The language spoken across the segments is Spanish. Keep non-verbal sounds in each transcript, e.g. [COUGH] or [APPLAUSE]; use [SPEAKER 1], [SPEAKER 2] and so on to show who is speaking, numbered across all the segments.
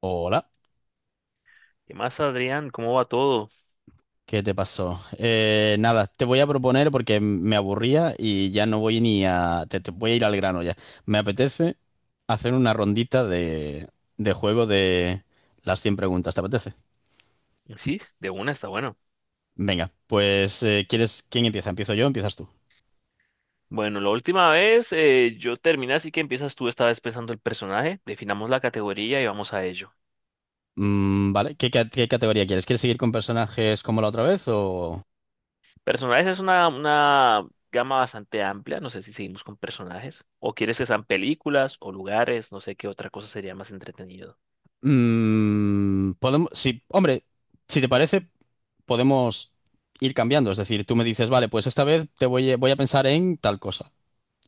[SPEAKER 1] Hola,
[SPEAKER 2] ¿Qué más, Adrián? ¿Cómo va todo?
[SPEAKER 1] ¿qué te pasó? Nada, te voy a proponer porque me aburría y ya no voy ni a... Te voy a ir al grano ya. Me apetece hacer una rondita de juego de las 100 preguntas, ¿te apetece?
[SPEAKER 2] Sí, de una está bueno.
[SPEAKER 1] Venga, pues ¿quieres... ¿Quién empieza? ¿Empiezo yo o empiezas tú?
[SPEAKER 2] Bueno, la última vez yo terminé, así que empiezas tú esta vez pensando el personaje, definamos la categoría y vamos a ello.
[SPEAKER 1] Vale, ¿qué categoría quieres? ¿Quieres seguir con personajes como la otra vez o...?
[SPEAKER 2] Personajes es una gama bastante amplia, no sé si seguimos con personajes, o quieres que sean películas o lugares, no sé qué otra cosa sería más entretenido.
[SPEAKER 1] Podemos... Sí, hombre, si te parece... podemos ir cambiando. Es decir, tú me dices, vale, pues esta vez voy a pensar en tal cosa.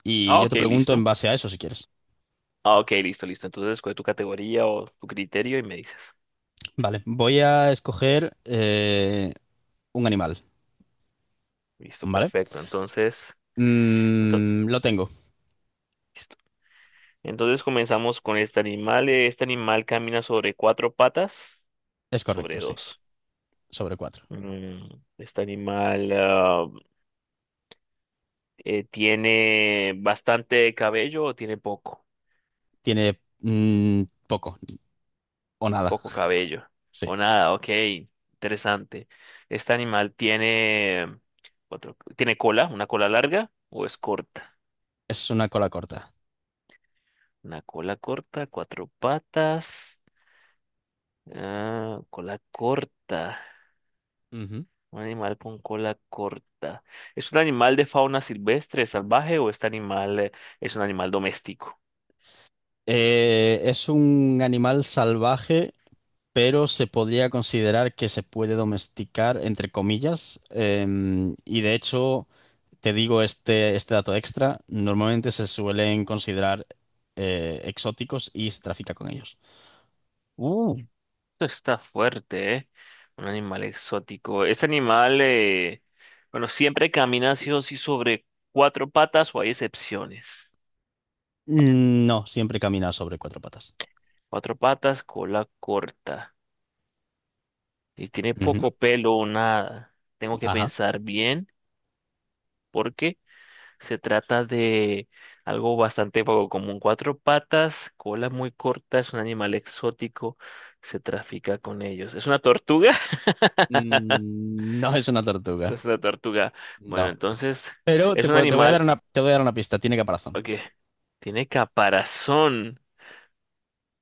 [SPEAKER 1] Y
[SPEAKER 2] Ah,
[SPEAKER 1] yo
[SPEAKER 2] ok,
[SPEAKER 1] te pregunto en
[SPEAKER 2] listo.
[SPEAKER 1] base a eso si quieres.
[SPEAKER 2] Ah, ok, listo, listo. Entonces escoge tu categoría o tu criterio y me dices.
[SPEAKER 1] Vale, voy a escoger un animal,
[SPEAKER 2] Listo,
[SPEAKER 1] ¿vale?
[SPEAKER 2] perfecto. Entonces,
[SPEAKER 1] Lo tengo.
[SPEAKER 2] Entonces comenzamos con este animal. Este animal camina sobre cuatro patas,
[SPEAKER 1] Es correcto,
[SPEAKER 2] sobre
[SPEAKER 1] sí.
[SPEAKER 2] dos.
[SPEAKER 1] Sobre cuatro.
[SPEAKER 2] Mm, Este animal tiene bastante cabello o tiene poco,
[SPEAKER 1] Tiene poco o nada.
[SPEAKER 2] poco cabello.
[SPEAKER 1] Sí.
[SPEAKER 2] O nada, ok, interesante. Este animal tiene cuatro, tiene cola, una cola larga o es corta.
[SPEAKER 1] Es una cola corta.
[SPEAKER 2] Una cola corta, cuatro patas, ah, cola corta.
[SPEAKER 1] Ujú.
[SPEAKER 2] Un animal con cola corta. ¿Es un animal de fauna silvestre, salvaje o este animal es un animal doméstico?
[SPEAKER 1] Es un animal salvaje pero se podría considerar que se puede domesticar, entre comillas, y de hecho, te digo este dato extra, normalmente se suelen considerar exóticos y se trafica con ellos.
[SPEAKER 2] Uh, esto está fuerte, ¿eh? Un animal exótico. Este animal, bueno, siempre camina sí o sí sobre cuatro patas o hay excepciones.
[SPEAKER 1] No, siempre camina sobre cuatro patas.
[SPEAKER 2] Cuatro patas, cola corta. Y tiene
[SPEAKER 1] Ujú.
[SPEAKER 2] poco pelo o nada. Tengo que
[SPEAKER 1] Ajá.
[SPEAKER 2] pensar bien porque se trata de algo bastante poco común. Cuatro patas, cola muy corta, es un animal exótico, se trafica con ellos. ¿Es una tortuga? [LAUGHS]
[SPEAKER 1] No es una tortuga,
[SPEAKER 2] No es una tortuga. Bueno,
[SPEAKER 1] no.
[SPEAKER 2] entonces es un
[SPEAKER 1] Te voy a dar
[SPEAKER 2] animal
[SPEAKER 1] te voy a dar una pista, tiene caparazón.
[SPEAKER 2] que tiene caparazón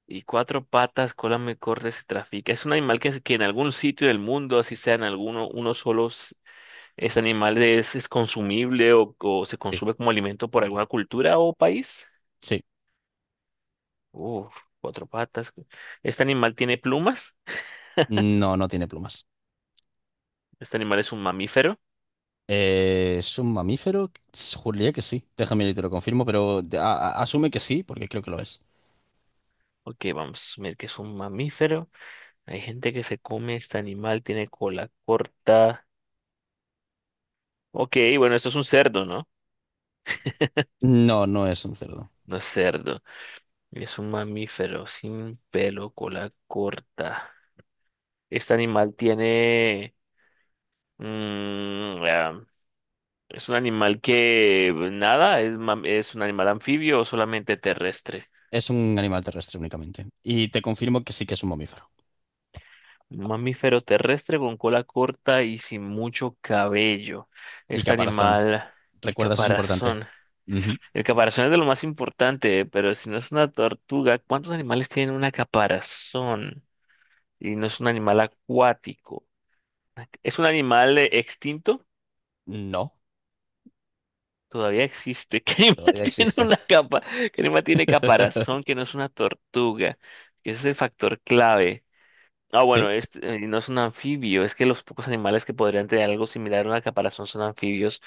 [SPEAKER 2] y cuatro patas, cola muy corta, se trafica. Es un animal que en algún sitio del mundo, así sea en alguno, uno solo, ese animal es consumible o se
[SPEAKER 1] Sí.
[SPEAKER 2] consume como alimento por alguna cultura o país.
[SPEAKER 1] Sí,
[SPEAKER 2] Uf, cuatro patas. ¿Este animal tiene plumas?
[SPEAKER 1] no, no tiene plumas.
[SPEAKER 2] ¿Este animal es un mamífero?
[SPEAKER 1] ¿Es un mamífero? Juraría que sí. Déjame y te lo confirmo, pero asume que sí, porque creo que lo es.
[SPEAKER 2] Ok, vamos a ver que es un mamífero. Hay gente que se come este animal, tiene cola corta. Ok, bueno, esto es un cerdo, ¿no?
[SPEAKER 1] No, no es un cerdo.
[SPEAKER 2] No es cerdo. Es un mamífero sin pelo, cola corta. Este animal tiene... mm, ah, es un animal que nada, es, es un animal anfibio o solamente terrestre.
[SPEAKER 1] Es un animal terrestre únicamente. Y te confirmo que sí que es un mamífero.
[SPEAKER 2] Un mamífero terrestre con cola corta y sin mucho cabello.
[SPEAKER 1] Y
[SPEAKER 2] Este
[SPEAKER 1] caparazón.
[SPEAKER 2] animal y
[SPEAKER 1] Recuerda, eso es importante.
[SPEAKER 2] caparazón.
[SPEAKER 1] Ujú.
[SPEAKER 2] El caparazón es de lo más importante, pero si no es una tortuga, ¿cuántos animales tienen una caparazón? Y no es un animal acuático. ¿Es un animal extinto?
[SPEAKER 1] No,
[SPEAKER 2] Todavía existe. [LAUGHS] ¿Qué animal
[SPEAKER 1] todavía
[SPEAKER 2] tiene
[SPEAKER 1] existe.
[SPEAKER 2] una capa? ¿Qué animal tiene
[SPEAKER 1] [LAUGHS]
[SPEAKER 2] caparazón que no es una tortuga? Que ese es el factor clave. Ah, bueno,
[SPEAKER 1] Sí,
[SPEAKER 2] este, no es un anfibio, es que los pocos animales que podrían tener algo similar a una caparazón son anfibios,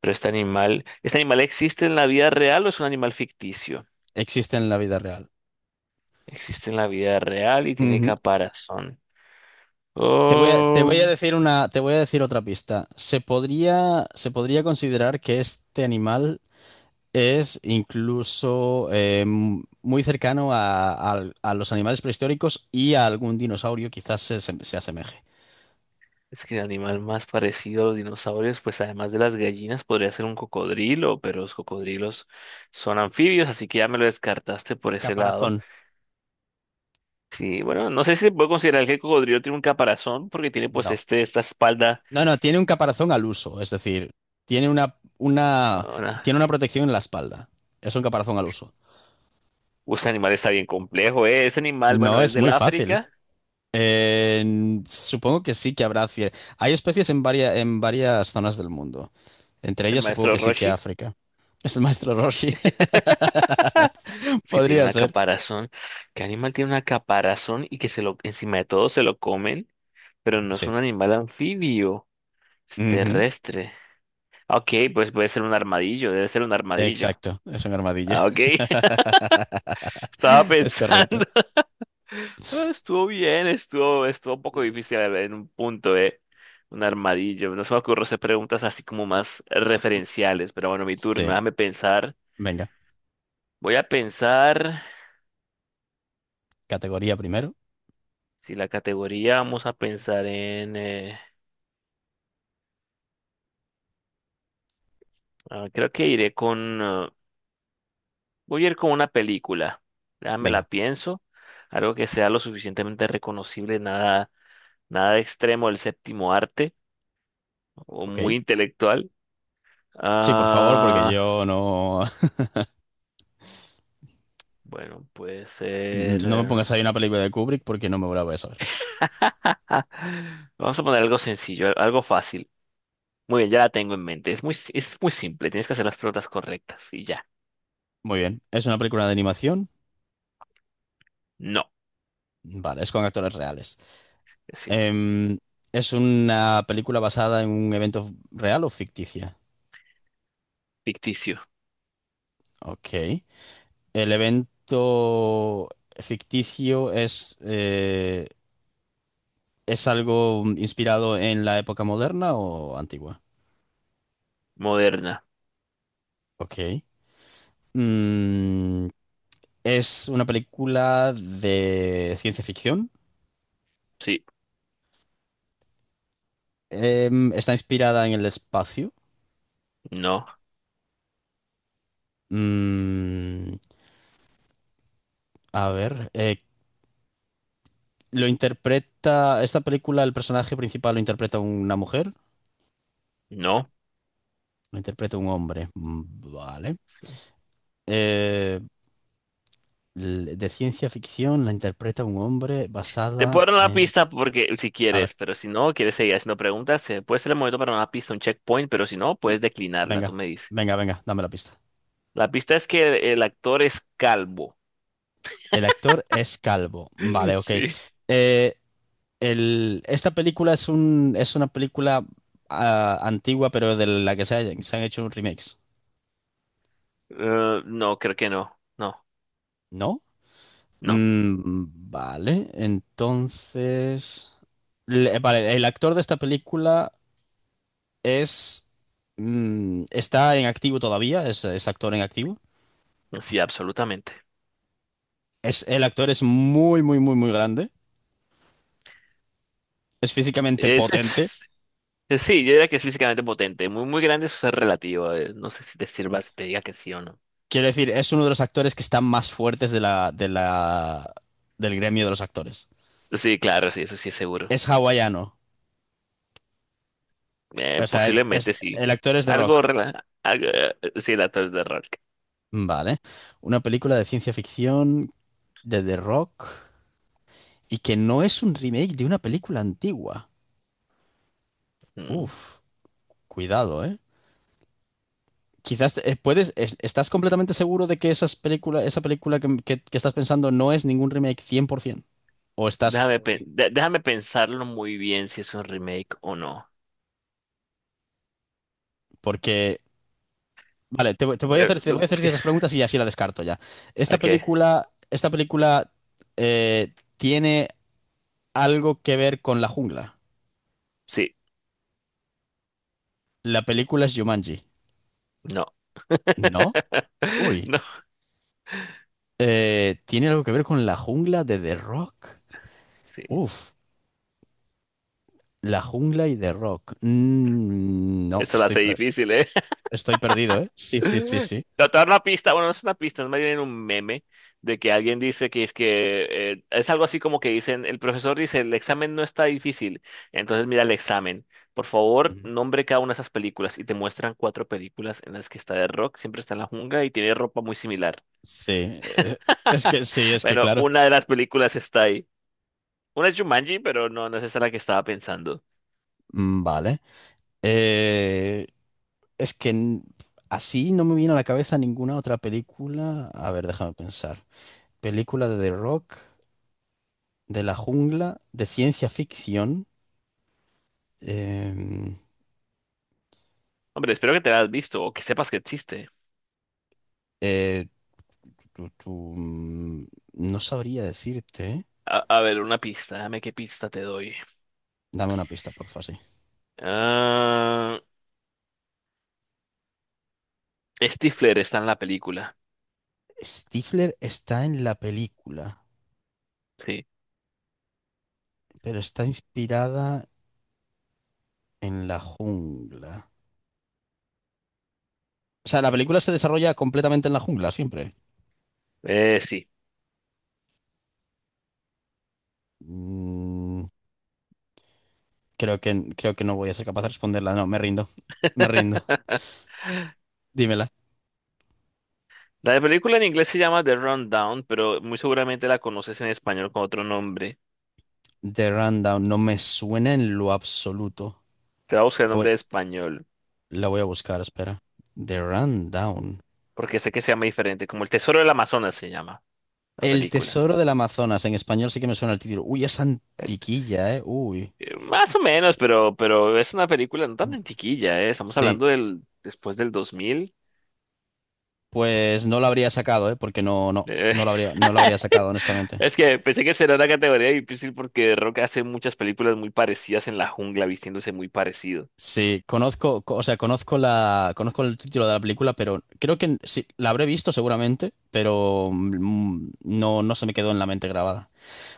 [SPEAKER 2] pero ¿este animal existe en la vida real o es un animal ficticio?
[SPEAKER 1] existe en la vida real.
[SPEAKER 2] Existe en la vida real y tiene
[SPEAKER 1] Ujú.
[SPEAKER 2] caparazón.
[SPEAKER 1] Te voy
[SPEAKER 2] Oh,
[SPEAKER 1] a decir te voy a decir otra pista. Se podría considerar que este animal es incluso muy cercano a los animales prehistóricos y a algún dinosaurio, quizás se asemeje.
[SPEAKER 2] es que el animal más parecido a los dinosaurios, pues además de las gallinas, podría ser un cocodrilo, pero los cocodrilos son anfibios, así que ya me lo descartaste por ese lado.
[SPEAKER 1] Caparazón,
[SPEAKER 2] Sí, bueno, no sé si se puede considerar que el cocodrilo tiene un caparazón porque tiene pues
[SPEAKER 1] no.
[SPEAKER 2] este, esta espalda.
[SPEAKER 1] No, no, tiene un caparazón al uso, es decir, tiene
[SPEAKER 2] Ah,
[SPEAKER 1] tiene una protección en la espalda. Es un caparazón al uso.
[SPEAKER 2] uy, ese animal está bien complejo, ¿eh? Ese animal, bueno,
[SPEAKER 1] No
[SPEAKER 2] es
[SPEAKER 1] es
[SPEAKER 2] del
[SPEAKER 1] muy fácil.
[SPEAKER 2] África,
[SPEAKER 1] Supongo que sí que habrá. Hay especies en varias zonas del mundo. Entre
[SPEAKER 2] es el
[SPEAKER 1] ellas, supongo
[SPEAKER 2] maestro
[SPEAKER 1] que sí que
[SPEAKER 2] Roshi.
[SPEAKER 1] África. Es el maestro Roshi.
[SPEAKER 2] [LAUGHS]
[SPEAKER 1] [LAUGHS]
[SPEAKER 2] Es que tiene
[SPEAKER 1] Podría
[SPEAKER 2] una
[SPEAKER 1] ser.
[SPEAKER 2] caparazón. ¿Qué animal tiene una caparazón y que se lo, encima de todo se lo comen? Pero no es un
[SPEAKER 1] Sí.
[SPEAKER 2] animal anfibio, es
[SPEAKER 1] Ujú.
[SPEAKER 2] terrestre. Ok, pues puede ser un armadillo, debe ser un armadillo.
[SPEAKER 1] Exacto, es un armadillo.
[SPEAKER 2] Ah, ok, [LAUGHS]
[SPEAKER 1] [LAUGHS]
[SPEAKER 2] estaba
[SPEAKER 1] Es correcto.
[SPEAKER 2] pensando. Estuvo bien, estuvo un poco difícil en un punto, eh. Un armadillo. No se me ocurre hacer preguntas así como más referenciales, pero bueno, mi turno.
[SPEAKER 1] Sí,
[SPEAKER 2] Déjame pensar.
[SPEAKER 1] venga,
[SPEAKER 2] Voy a pensar.
[SPEAKER 1] categoría primero.
[SPEAKER 2] Si la categoría vamos a pensar en. Creo que iré con. Voy a ir con una película. Déjame la
[SPEAKER 1] Venga,
[SPEAKER 2] pienso. Algo que sea lo suficientemente reconocible, nada extremo del séptimo arte o
[SPEAKER 1] ok.
[SPEAKER 2] muy intelectual.
[SPEAKER 1] Sí, por favor, porque
[SPEAKER 2] Ah.
[SPEAKER 1] yo no,
[SPEAKER 2] Bueno, puede
[SPEAKER 1] [LAUGHS]
[SPEAKER 2] ser.
[SPEAKER 1] no me pongas ahí una película de Kubrick porque no me la voy a saber.
[SPEAKER 2] [LAUGHS] Vamos a poner algo sencillo, algo fácil. Muy bien, ya la tengo en mente. Es muy, es muy simple. Tienes que hacer las preguntas correctas y ya.
[SPEAKER 1] Muy bien, ¿es una película de animación?
[SPEAKER 2] No.
[SPEAKER 1] Vale, ¿es con actores reales?
[SPEAKER 2] Es
[SPEAKER 1] Em, ¿es una película basada en un evento real o ficticia?
[SPEAKER 2] ficticio.
[SPEAKER 1] Ok. El evento ficticio es, ¿es algo inspirado en la época moderna o antigua?
[SPEAKER 2] Moderna.
[SPEAKER 1] Ok. Mm, ¿Es una película de ciencia ficción?
[SPEAKER 2] Sí.
[SPEAKER 1] ¿Está inspirada en el espacio?
[SPEAKER 2] No.
[SPEAKER 1] Mm, a ver, eh, ¿Lo interpreta, esta película, el personaje principal lo interpreta una mujer?
[SPEAKER 2] No.
[SPEAKER 1] ¿Lo interpreta un hombre? Vale. Eh, de ciencia ficción la interpreta un hombre
[SPEAKER 2] Te puedo
[SPEAKER 1] basada
[SPEAKER 2] dar una
[SPEAKER 1] en...
[SPEAKER 2] pista porque si
[SPEAKER 1] A
[SPEAKER 2] quieres,
[SPEAKER 1] ver,
[SPEAKER 2] pero si no, quieres seguir haciendo preguntas, puede ser el momento para una pista, un checkpoint, pero si no, puedes declinarla. Tú
[SPEAKER 1] venga,
[SPEAKER 2] me dices.
[SPEAKER 1] venga, dame la pista.
[SPEAKER 2] La pista es que el actor es calvo.
[SPEAKER 1] El actor es calvo.
[SPEAKER 2] [LAUGHS]
[SPEAKER 1] Vale, ok.
[SPEAKER 2] Sí.
[SPEAKER 1] Eh, Esta película es es una película antigua, pero de la que se han hecho un remix,
[SPEAKER 2] No, creo que no. No.
[SPEAKER 1] ¿no?
[SPEAKER 2] No.
[SPEAKER 1] Vale, entonces... vale, el actor de esta película es... está en activo todavía, es actor en activo.
[SPEAKER 2] Sí, absolutamente.
[SPEAKER 1] Es, el actor es muy, muy, muy, muy grande. Es físicamente
[SPEAKER 2] Es,
[SPEAKER 1] potente.
[SPEAKER 2] es- sí, yo diría que es físicamente potente. Muy, muy grande, eso es relativo. No sé si te sirva, si te diga que sí o no.
[SPEAKER 1] Quiero decir, es uno de los actores que están más fuertes de la, del gremio de los actores.
[SPEAKER 2] Sí, claro, sí, eso sí es seguro.
[SPEAKER 1] Es hawaiano. O sea,
[SPEAKER 2] Posiblemente sí.
[SPEAKER 1] el actor es The
[SPEAKER 2] Algo,
[SPEAKER 1] Rock.
[SPEAKER 2] algo, sí, el actor de Rock.
[SPEAKER 1] Vale. Una película de ciencia ficción de The Rock y que no es un remake de una película antigua.
[SPEAKER 2] Mm.
[SPEAKER 1] Uf, cuidado, ¿eh? Quizás ¿estás completamente seguro de que esa película que estás pensando no es ningún remake 100%? ¿O estás,
[SPEAKER 2] Déjame, déjame pensarlo muy bien si es un remake o no.
[SPEAKER 1] porque vale, te voy a
[SPEAKER 2] Eh,
[SPEAKER 1] hacer, te voy a hacer ciertas preguntas y así la descarto ya.
[SPEAKER 2] ok,
[SPEAKER 1] ¿Esta película tiene algo que ver con la jungla?
[SPEAKER 2] sí,
[SPEAKER 1] La película es Jumanji.
[SPEAKER 2] no.
[SPEAKER 1] ¿No?
[SPEAKER 2] [LAUGHS]
[SPEAKER 1] Uy.
[SPEAKER 2] No,
[SPEAKER 1] ¿Tiene algo que ver con la jungla de The Rock?
[SPEAKER 2] sí.
[SPEAKER 1] Uf, la jungla y The Rock. Mm, no,
[SPEAKER 2] Eso lo
[SPEAKER 1] estoy,
[SPEAKER 2] hace
[SPEAKER 1] per-
[SPEAKER 2] difícil, ¿eh?
[SPEAKER 1] Estoy perdido, ¿eh? Sí, sí, sí, sí.
[SPEAKER 2] No, te voy a dar una pista, bueno, no es una pista, es más bien un meme de que alguien dice que es algo así como que dicen, el profesor dice, el examen no está difícil, entonces mira el examen. Por favor,
[SPEAKER 1] Mm.
[SPEAKER 2] nombre cada una de esas películas y te muestran cuatro películas en las que está de rock, siempre está en la jungla y tiene ropa muy similar.
[SPEAKER 1] Sí, eh, es
[SPEAKER 2] [LAUGHS]
[SPEAKER 1] que sí, es que
[SPEAKER 2] Bueno,
[SPEAKER 1] claro.
[SPEAKER 2] una de las películas está ahí. Una es Jumanji, pero no, no es esa la que estaba pensando.
[SPEAKER 1] Vale. Eh, Es que n- Así no me viene a la cabeza ninguna otra película. A ver, déjame pensar. Película de The Rock, de la jungla, de ciencia ficción. em,
[SPEAKER 2] Hombre, espero que te la hayas visto o que sepas que existe.
[SPEAKER 1] eh, tu- tu, mm, no sabría decirte. ¿Eh?
[SPEAKER 2] A ver, una pista, dame qué pista te doy.
[SPEAKER 1] Dame una pista, porfa, sí.
[SPEAKER 2] Ah, Stifler está en la película.
[SPEAKER 1] Stifler está en la película,
[SPEAKER 2] Sí.
[SPEAKER 1] pero está inspirada en la jungla. O sea, la película se desarrolla completamente en la jungla, siempre.
[SPEAKER 2] Sí.
[SPEAKER 1] Mm, Creo que, creo que no voy a ser capaz de responderla. No, me rindo. Me rindo.
[SPEAKER 2] [LAUGHS]
[SPEAKER 1] Dímela.
[SPEAKER 2] La película en inglés se llama The Rundown, pero muy seguramente la conoces en español con otro nombre.
[SPEAKER 1] The Rundown no me suena en lo absoluto.
[SPEAKER 2] Te voy a buscar el
[SPEAKER 1] La voy,
[SPEAKER 2] nombre de español,
[SPEAKER 1] la voy a buscar, espera. The Rundown.
[SPEAKER 2] porque sé que se llama diferente, como El Tesoro del Amazonas se llama la
[SPEAKER 1] El
[SPEAKER 2] película.
[SPEAKER 1] Tesoro del Amazonas. En español sí que me suena el título. Uy, es
[SPEAKER 2] El-
[SPEAKER 1] antiquilla, ¿eh? Uy.
[SPEAKER 2] más o menos, pero es una película no tan antiquilla, ¿eh? Estamos
[SPEAKER 1] Sí.
[SPEAKER 2] hablando del después del 2000.
[SPEAKER 1] Pues no lo habría sacado, ¿eh? Porque
[SPEAKER 2] Eh,
[SPEAKER 1] no lo habría, no lo habría sacado,
[SPEAKER 2] [LAUGHS]
[SPEAKER 1] honestamente.
[SPEAKER 2] es que pensé que será una categoría difícil porque Rock hace muchas películas muy parecidas en la jungla, vistiéndose muy parecido.
[SPEAKER 1] Sí, o sea, conozco conozco el título de la película, pero creo que sí, la habré visto seguramente, pero no, no se me quedó en la mente grabada.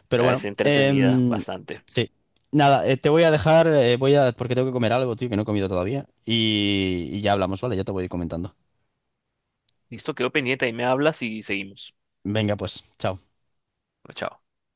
[SPEAKER 1] Pero
[SPEAKER 2] Es
[SPEAKER 1] bueno,
[SPEAKER 2] entretenida bastante.
[SPEAKER 1] sí. Nada, te voy a dejar, porque tengo que comer algo, tío, que no he comido todavía. Y ya hablamos, ¿vale? Ya te voy comentando.
[SPEAKER 2] Listo, quedó pendiente, ahí me hablas y seguimos.
[SPEAKER 1] Venga, pues, chao.
[SPEAKER 2] Chao.